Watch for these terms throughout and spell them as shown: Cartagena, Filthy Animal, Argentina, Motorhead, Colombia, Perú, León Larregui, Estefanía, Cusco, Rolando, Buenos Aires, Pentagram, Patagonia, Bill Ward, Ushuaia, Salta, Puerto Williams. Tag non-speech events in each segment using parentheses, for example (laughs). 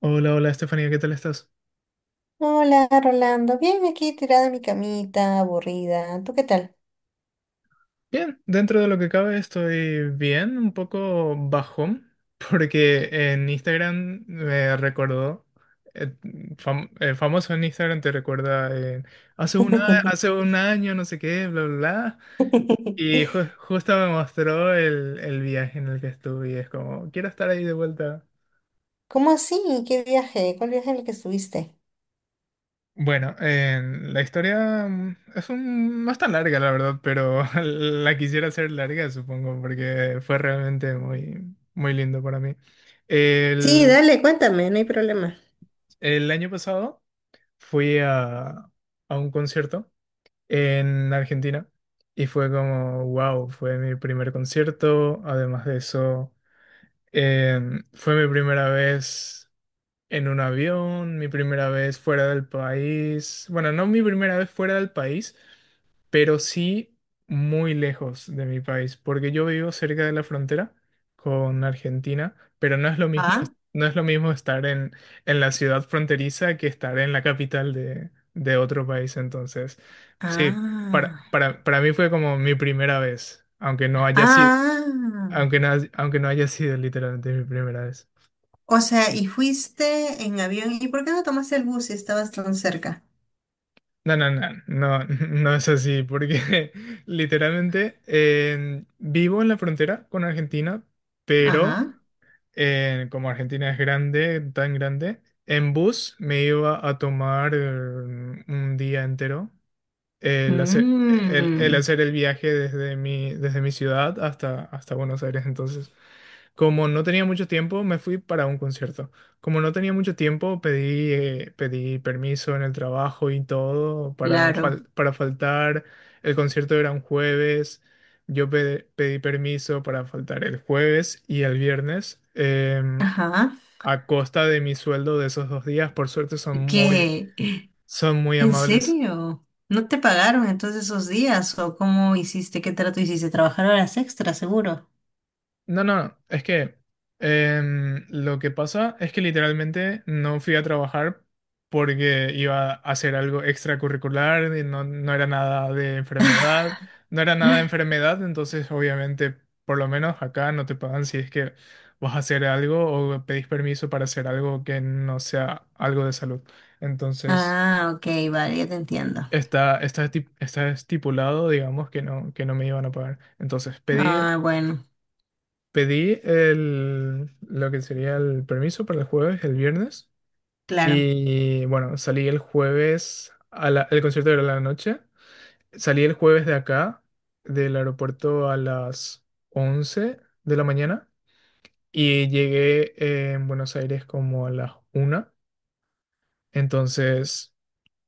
Hola, hola Estefanía, ¿qué tal estás? Hola, Rolando. Bien, aquí tirada en mi camita, aburrida. ¿Tú qué tal? Bien, dentro de lo que cabe estoy bien, un poco bajón, (laughs) porque en Instagram me recordó, eh, famoso en Instagram te recuerda, hace un año, no sé qué, bla, bla, bla, y (laughs) justo me mostró el viaje en el que estuve y es como, quiero estar ahí de vuelta. ¿Cómo así? ¿Qué viaje? ¿Cuál viaje en el que estuviste? Bueno, en la historia no es tan larga, la verdad, pero (laughs) la quisiera hacer larga, supongo, porque fue realmente muy, muy lindo para mí. Sí, El, dale, cuéntame, no hay problema. el año pasado fui a un concierto en Argentina y fue como, wow, fue mi primer concierto. Además de eso, fue mi primera vez en un avión, mi primera vez fuera del país. Bueno, no mi primera vez fuera del país pero sí muy lejos de mi país, porque yo vivo cerca de la frontera con Argentina, pero no es lo mismo, Ah, no es lo mismo estar en la ciudad fronteriza que estar en la capital de otro país. Entonces, sí, para, ah, para, para mí fue como mi primera vez, aunque no haya sido, ah. aunque no, aunque no haya sido literalmente mi primera vez. O sea, ¿y fuiste en avión? ¿Y por qué no tomaste el bus si estabas tan cerca? No, no, no, no, (laughs) no es así, porque (laughs) literalmente vivo en la frontera con Argentina, pero Ajá. Como Argentina es grande, tan grande, en bus me iba a tomar un día entero el hacer el, el Mm, hacer el viaje desde mi ciudad hasta Buenos Aires. Entonces, como no tenía mucho tiempo, me fui para un concierto. Como no tenía mucho tiempo, pedí permiso en el trabajo y todo para, claro. fal- para faltar. El concierto era un jueves. Yo pedí permiso para faltar el jueves y el viernes, Ajá. a costa de mi sueldo de esos 2 días. Por suerte son muy, ¿Qué? son muy ¿En amables. serio? ¿No te pagaron entonces esos días? ¿O cómo hiciste? ¿Qué trato hiciste? ¿Trabajar horas extras, seguro? No, no, es que lo que pasa es que literalmente no fui a trabajar porque iba a hacer algo extracurricular, y no, no era nada de enfermedad, no era nada de enfermedad, entonces obviamente por lo menos acá no te pagan si es que vas a hacer algo o pedís permiso para hacer algo que no sea algo de salud. Entonces Ah, ok, vale, ya te entiendo. está estipulado, digamos, que no, me iban a pagar. Entonces pedí Ah, bueno, Pedí lo que sería el permiso para el jueves, el viernes. claro. Y bueno, salí el jueves, el concierto era a la noche. Salí el jueves de acá, del aeropuerto a las 11 de la mañana. Y llegué en Buenos Aires como a las una. Entonces,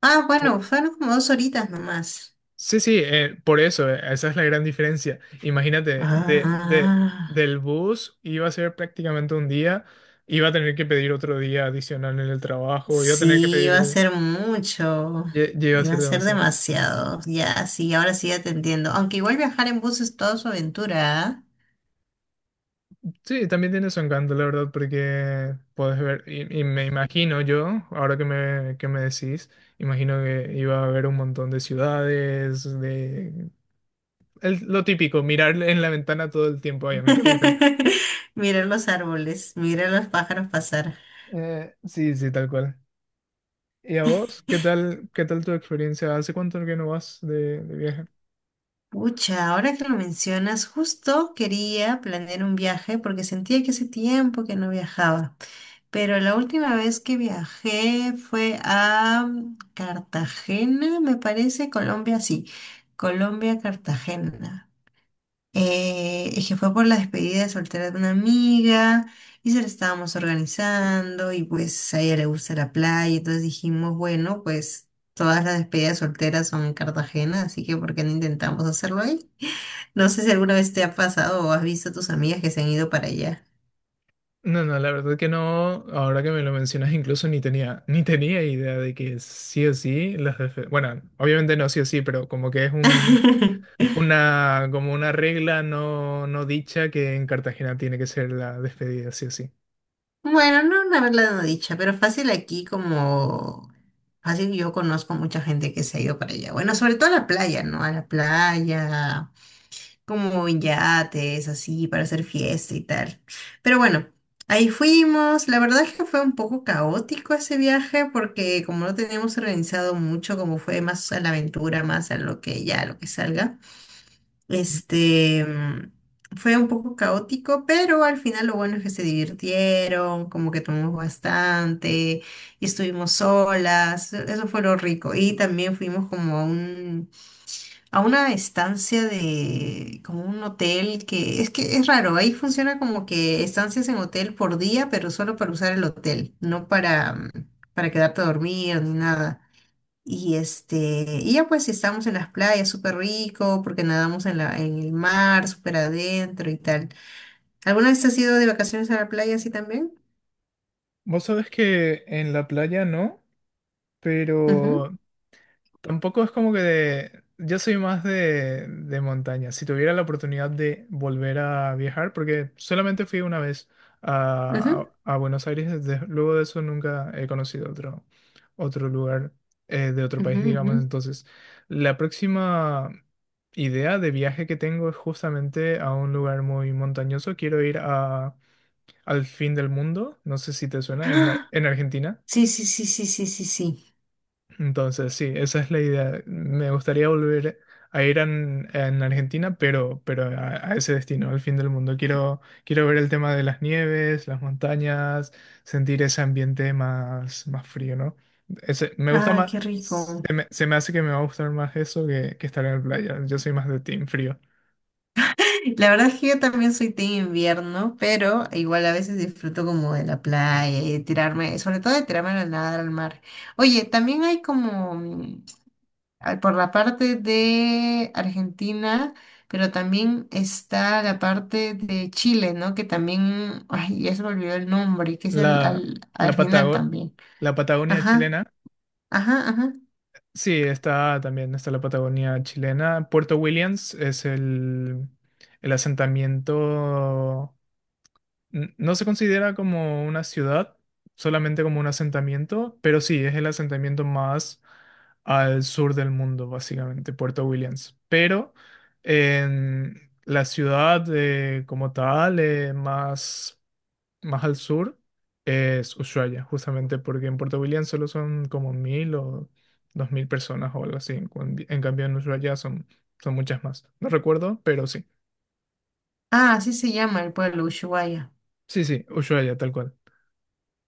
Ah, bueno, fueron como dos horitas nomás. Sí, sí, por eso, esa es la gran diferencia. Imagínate, Ah, del bus iba a ser prácticamente un día, iba a tener que pedir otro día adicional en el trabajo, iba a tener que sí, iba a pedir, ser mucho. Ya iba a Iba ser a ser demasiado. demasiado. Ya, sí, ahora sí ya te entiendo. Aunque igual viajar en bus es toda su aventura, ¿ah? Sí, también tiene su encanto, la verdad, porque puedes ver, y me imagino yo, ahora que me decís, imagino que iba a haber un montón de ciudades, de lo típico, mirar en la ventana todo el tiempo, ay, a mí que me encanta. (laughs) Mirar los árboles, mirar los pájaros pasar. Sí, sí, tal cual. ¿Y a vos? ¿Qué tal tu experiencia? ¿Hace cuánto que no vas de viaje? Pucha, ahora que lo mencionas, justo quería planear un viaje porque sentía que hace tiempo que no viajaba. Pero la última vez que viajé fue a Cartagena, me parece, Colombia, sí. Colombia, Cartagena. Es que fue por la despedida de soltera de una amiga y se la estábamos organizando y pues a ella le gusta la playa, entonces dijimos, bueno, pues todas las despedidas solteras son en Cartagena, así que ¿por qué no intentamos hacerlo ahí? (laughs) No sé si alguna vez te ha pasado o has visto a tus amigas que se han ido para allá. No, no, la verdad que no. Ahora que me lo mencionas, incluso ni tenía, (laughs) ni tenía idea de que sí o sí las Bueno, obviamente no sí o sí, pero como que es (laughs) una, como una regla no dicha que en Cartagena tiene que ser la despedida sí o sí. Bueno, no una verdad no dicha, pero fácil aquí como fácil yo conozco mucha gente que se ha ido para allá. Bueno, sobre todo a la playa, ¿no? A la playa como en yates, así, para hacer fiesta y tal. Pero bueno, ahí fuimos. La verdad es que fue un poco caótico ese viaje porque como no teníamos organizado mucho, como fue más a la aventura, más a lo que ya, lo que salga, este, mm, fue un poco caótico, pero al final lo bueno es que se divirtieron, como que tomamos bastante y estuvimos solas. Eso fue lo rico. Y también fuimos como a un a una estancia de como un hotel que es raro, ahí funciona como que estancias en hotel por día, pero solo para usar el hotel, no para para quedarte a dormir ni nada. Y este, y ya pues estamos en las playas, súper rico, porque nadamos en la en el mar, súper adentro y tal. ¿Alguna vez has ido de vacaciones a la playa así también? Vos sabés que en la playa no, Ujú, pero tampoco es como que de... Yo soy más de montaña. Si tuviera la oportunidad de volver a viajar, porque solamente fui una vez ujú, a Buenos Aires, luego de eso nunca he conocido otro lugar de otro ujú, país, ujú. digamos. Entonces, la próxima idea de viaje que tengo es justamente a un lugar muy montañoso. Quiero ir al fin del mundo, no sé si te suena, en (gasps) Argentina. Sí, sí, sí, sí, sí, sí, sí. Entonces, sí, esa es la idea. Me gustaría volver a ir en Argentina, pero, pero a ese destino, al fin del mundo. Quiero ver el tema de las nieves, las montañas, sentir ese ambiente más, más frío, ¿no? Ese, me gusta Ay, más, qué rico. se me hace que me va a gustar más eso que estar en la playa. Yo soy más de team frío. La verdad es que yo también soy team invierno, pero igual a veces disfruto como de la playa y de tirarme, sobre todo de tirarme a la nadar al mar. Oye, también hay como por la parte de Argentina, pero también está la parte de Chile, ¿no? Que también, ay, ya se me olvidó el nombre, que es el, La, al, al la final Patago- también. la Patagonia Ajá, chilena. ajá, ajá. Sí, está también, está la Patagonia chilena. Puerto Williams es el asentamiento, no se considera como una ciudad, solamente como un asentamiento, pero sí, es el asentamiento más al sur del mundo, básicamente, Puerto Williams. Pero en la ciudad como tal, más al sur es Ushuaia, justamente porque en Puerto William solo son como 1.000 o 2.000 personas o algo así. En, en cambio en Ushuaia son, son muchas más. No recuerdo, pero sí. Ah, así se llama el pueblo, Ushuaia. Sí, sí, Ushuaia, tal cual.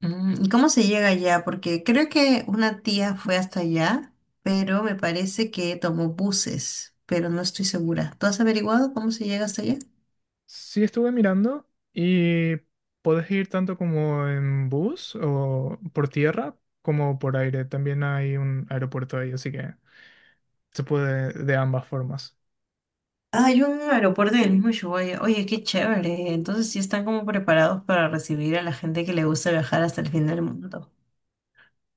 Mm, ¿y cómo se llega allá? Porque creo que una tía fue hasta allá, pero me parece que tomó buses, pero no estoy segura. ¿Tú has averiguado cómo se llega hasta allá? Sí estuve mirando y puedes ir tanto como en bus o por tierra como por aire. También hay un aeropuerto ahí, así que se puede de ambas formas. Ah, hay un aeropuerto del mismo Ushuaia. Oye, qué chévere. Entonces sí están como preparados para recibir a la gente que le gusta viajar hasta el fin del mundo.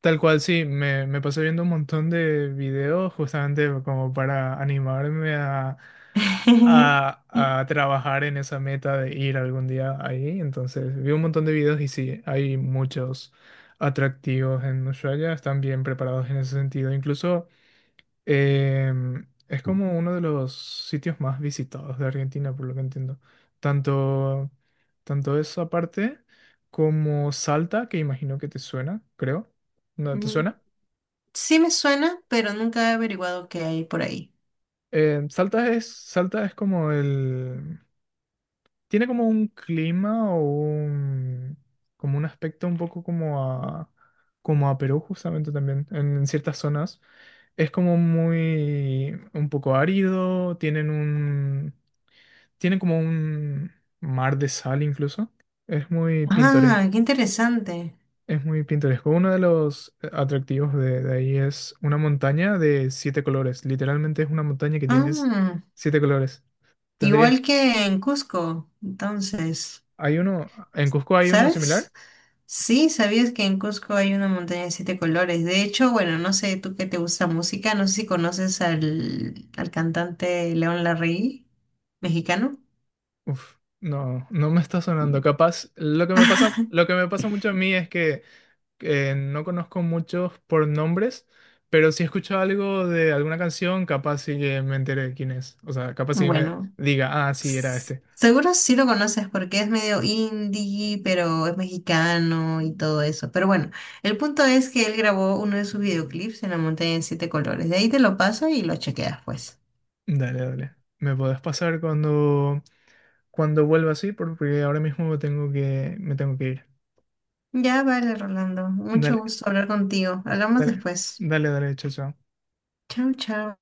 Tal cual, sí, me pasé viendo un montón de videos justamente como para animarme (laughs) a, a trabajar en esa meta de ir algún día ahí. Entonces, vi un montón de videos y sí, hay muchos atractivos en Ushuaia, están bien preparados en ese sentido. Incluso es como uno de los sitios más visitados de Argentina, por lo que entiendo. Tanto, tanto esa parte como Salta, que imagino que te suena, creo. ¿No te Mm, suena? sí me suena, pero nunca he averiguado qué hay por ahí. Salta es como el... Tiene como un clima o un... como un aspecto un poco como a... como a Perú justamente también, en ciertas zonas. Es como muy... un poco árido, tienen un... Tiene como un mar de sal incluso. Es muy pintoresco. Ah, qué interesante. Es muy pintoresco. Uno de los atractivos de ahí es una montaña de siete colores. Literalmente es una montaña que tienes Ah, siete colores. Tendrías... igual que en Cusco, entonces, Hay uno... ¿En Cusco hay uno similar? ¿sabes? Sí, ¿sabías que en Cusco hay una montaña de 7 colores? De hecho, bueno, no sé, tú que te gusta música, no sé si conoces al, al cantante León Larregui, mexicano. Uf, no, no me está sonando. Capaz, lo que me (laughs) pasa, lo que me pasa mucho a mí es que no conozco muchos por nombres, pero si he escuchado algo de alguna canción, capaz sí que me enteré de quién es. O sea, capaz sí que me Bueno, diga, ah, sí, era este. seguro sí lo conoces porque es medio indie, pero es mexicano y todo eso. Pero bueno, el punto es que él grabó uno de sus videoclips en la montaña de siete colores. De ahí te lo paso y lo chequeas, pues. Dale, dale. ¿Me podés pasar cuando vuelva así? Porque ahora mismo tengo que, me tengo que ir. Ya vale, Rolando. Mucho Dale, gusto hablar contigo. Hablamos dale, después. dale, dale, chao, chao. Chao, chao.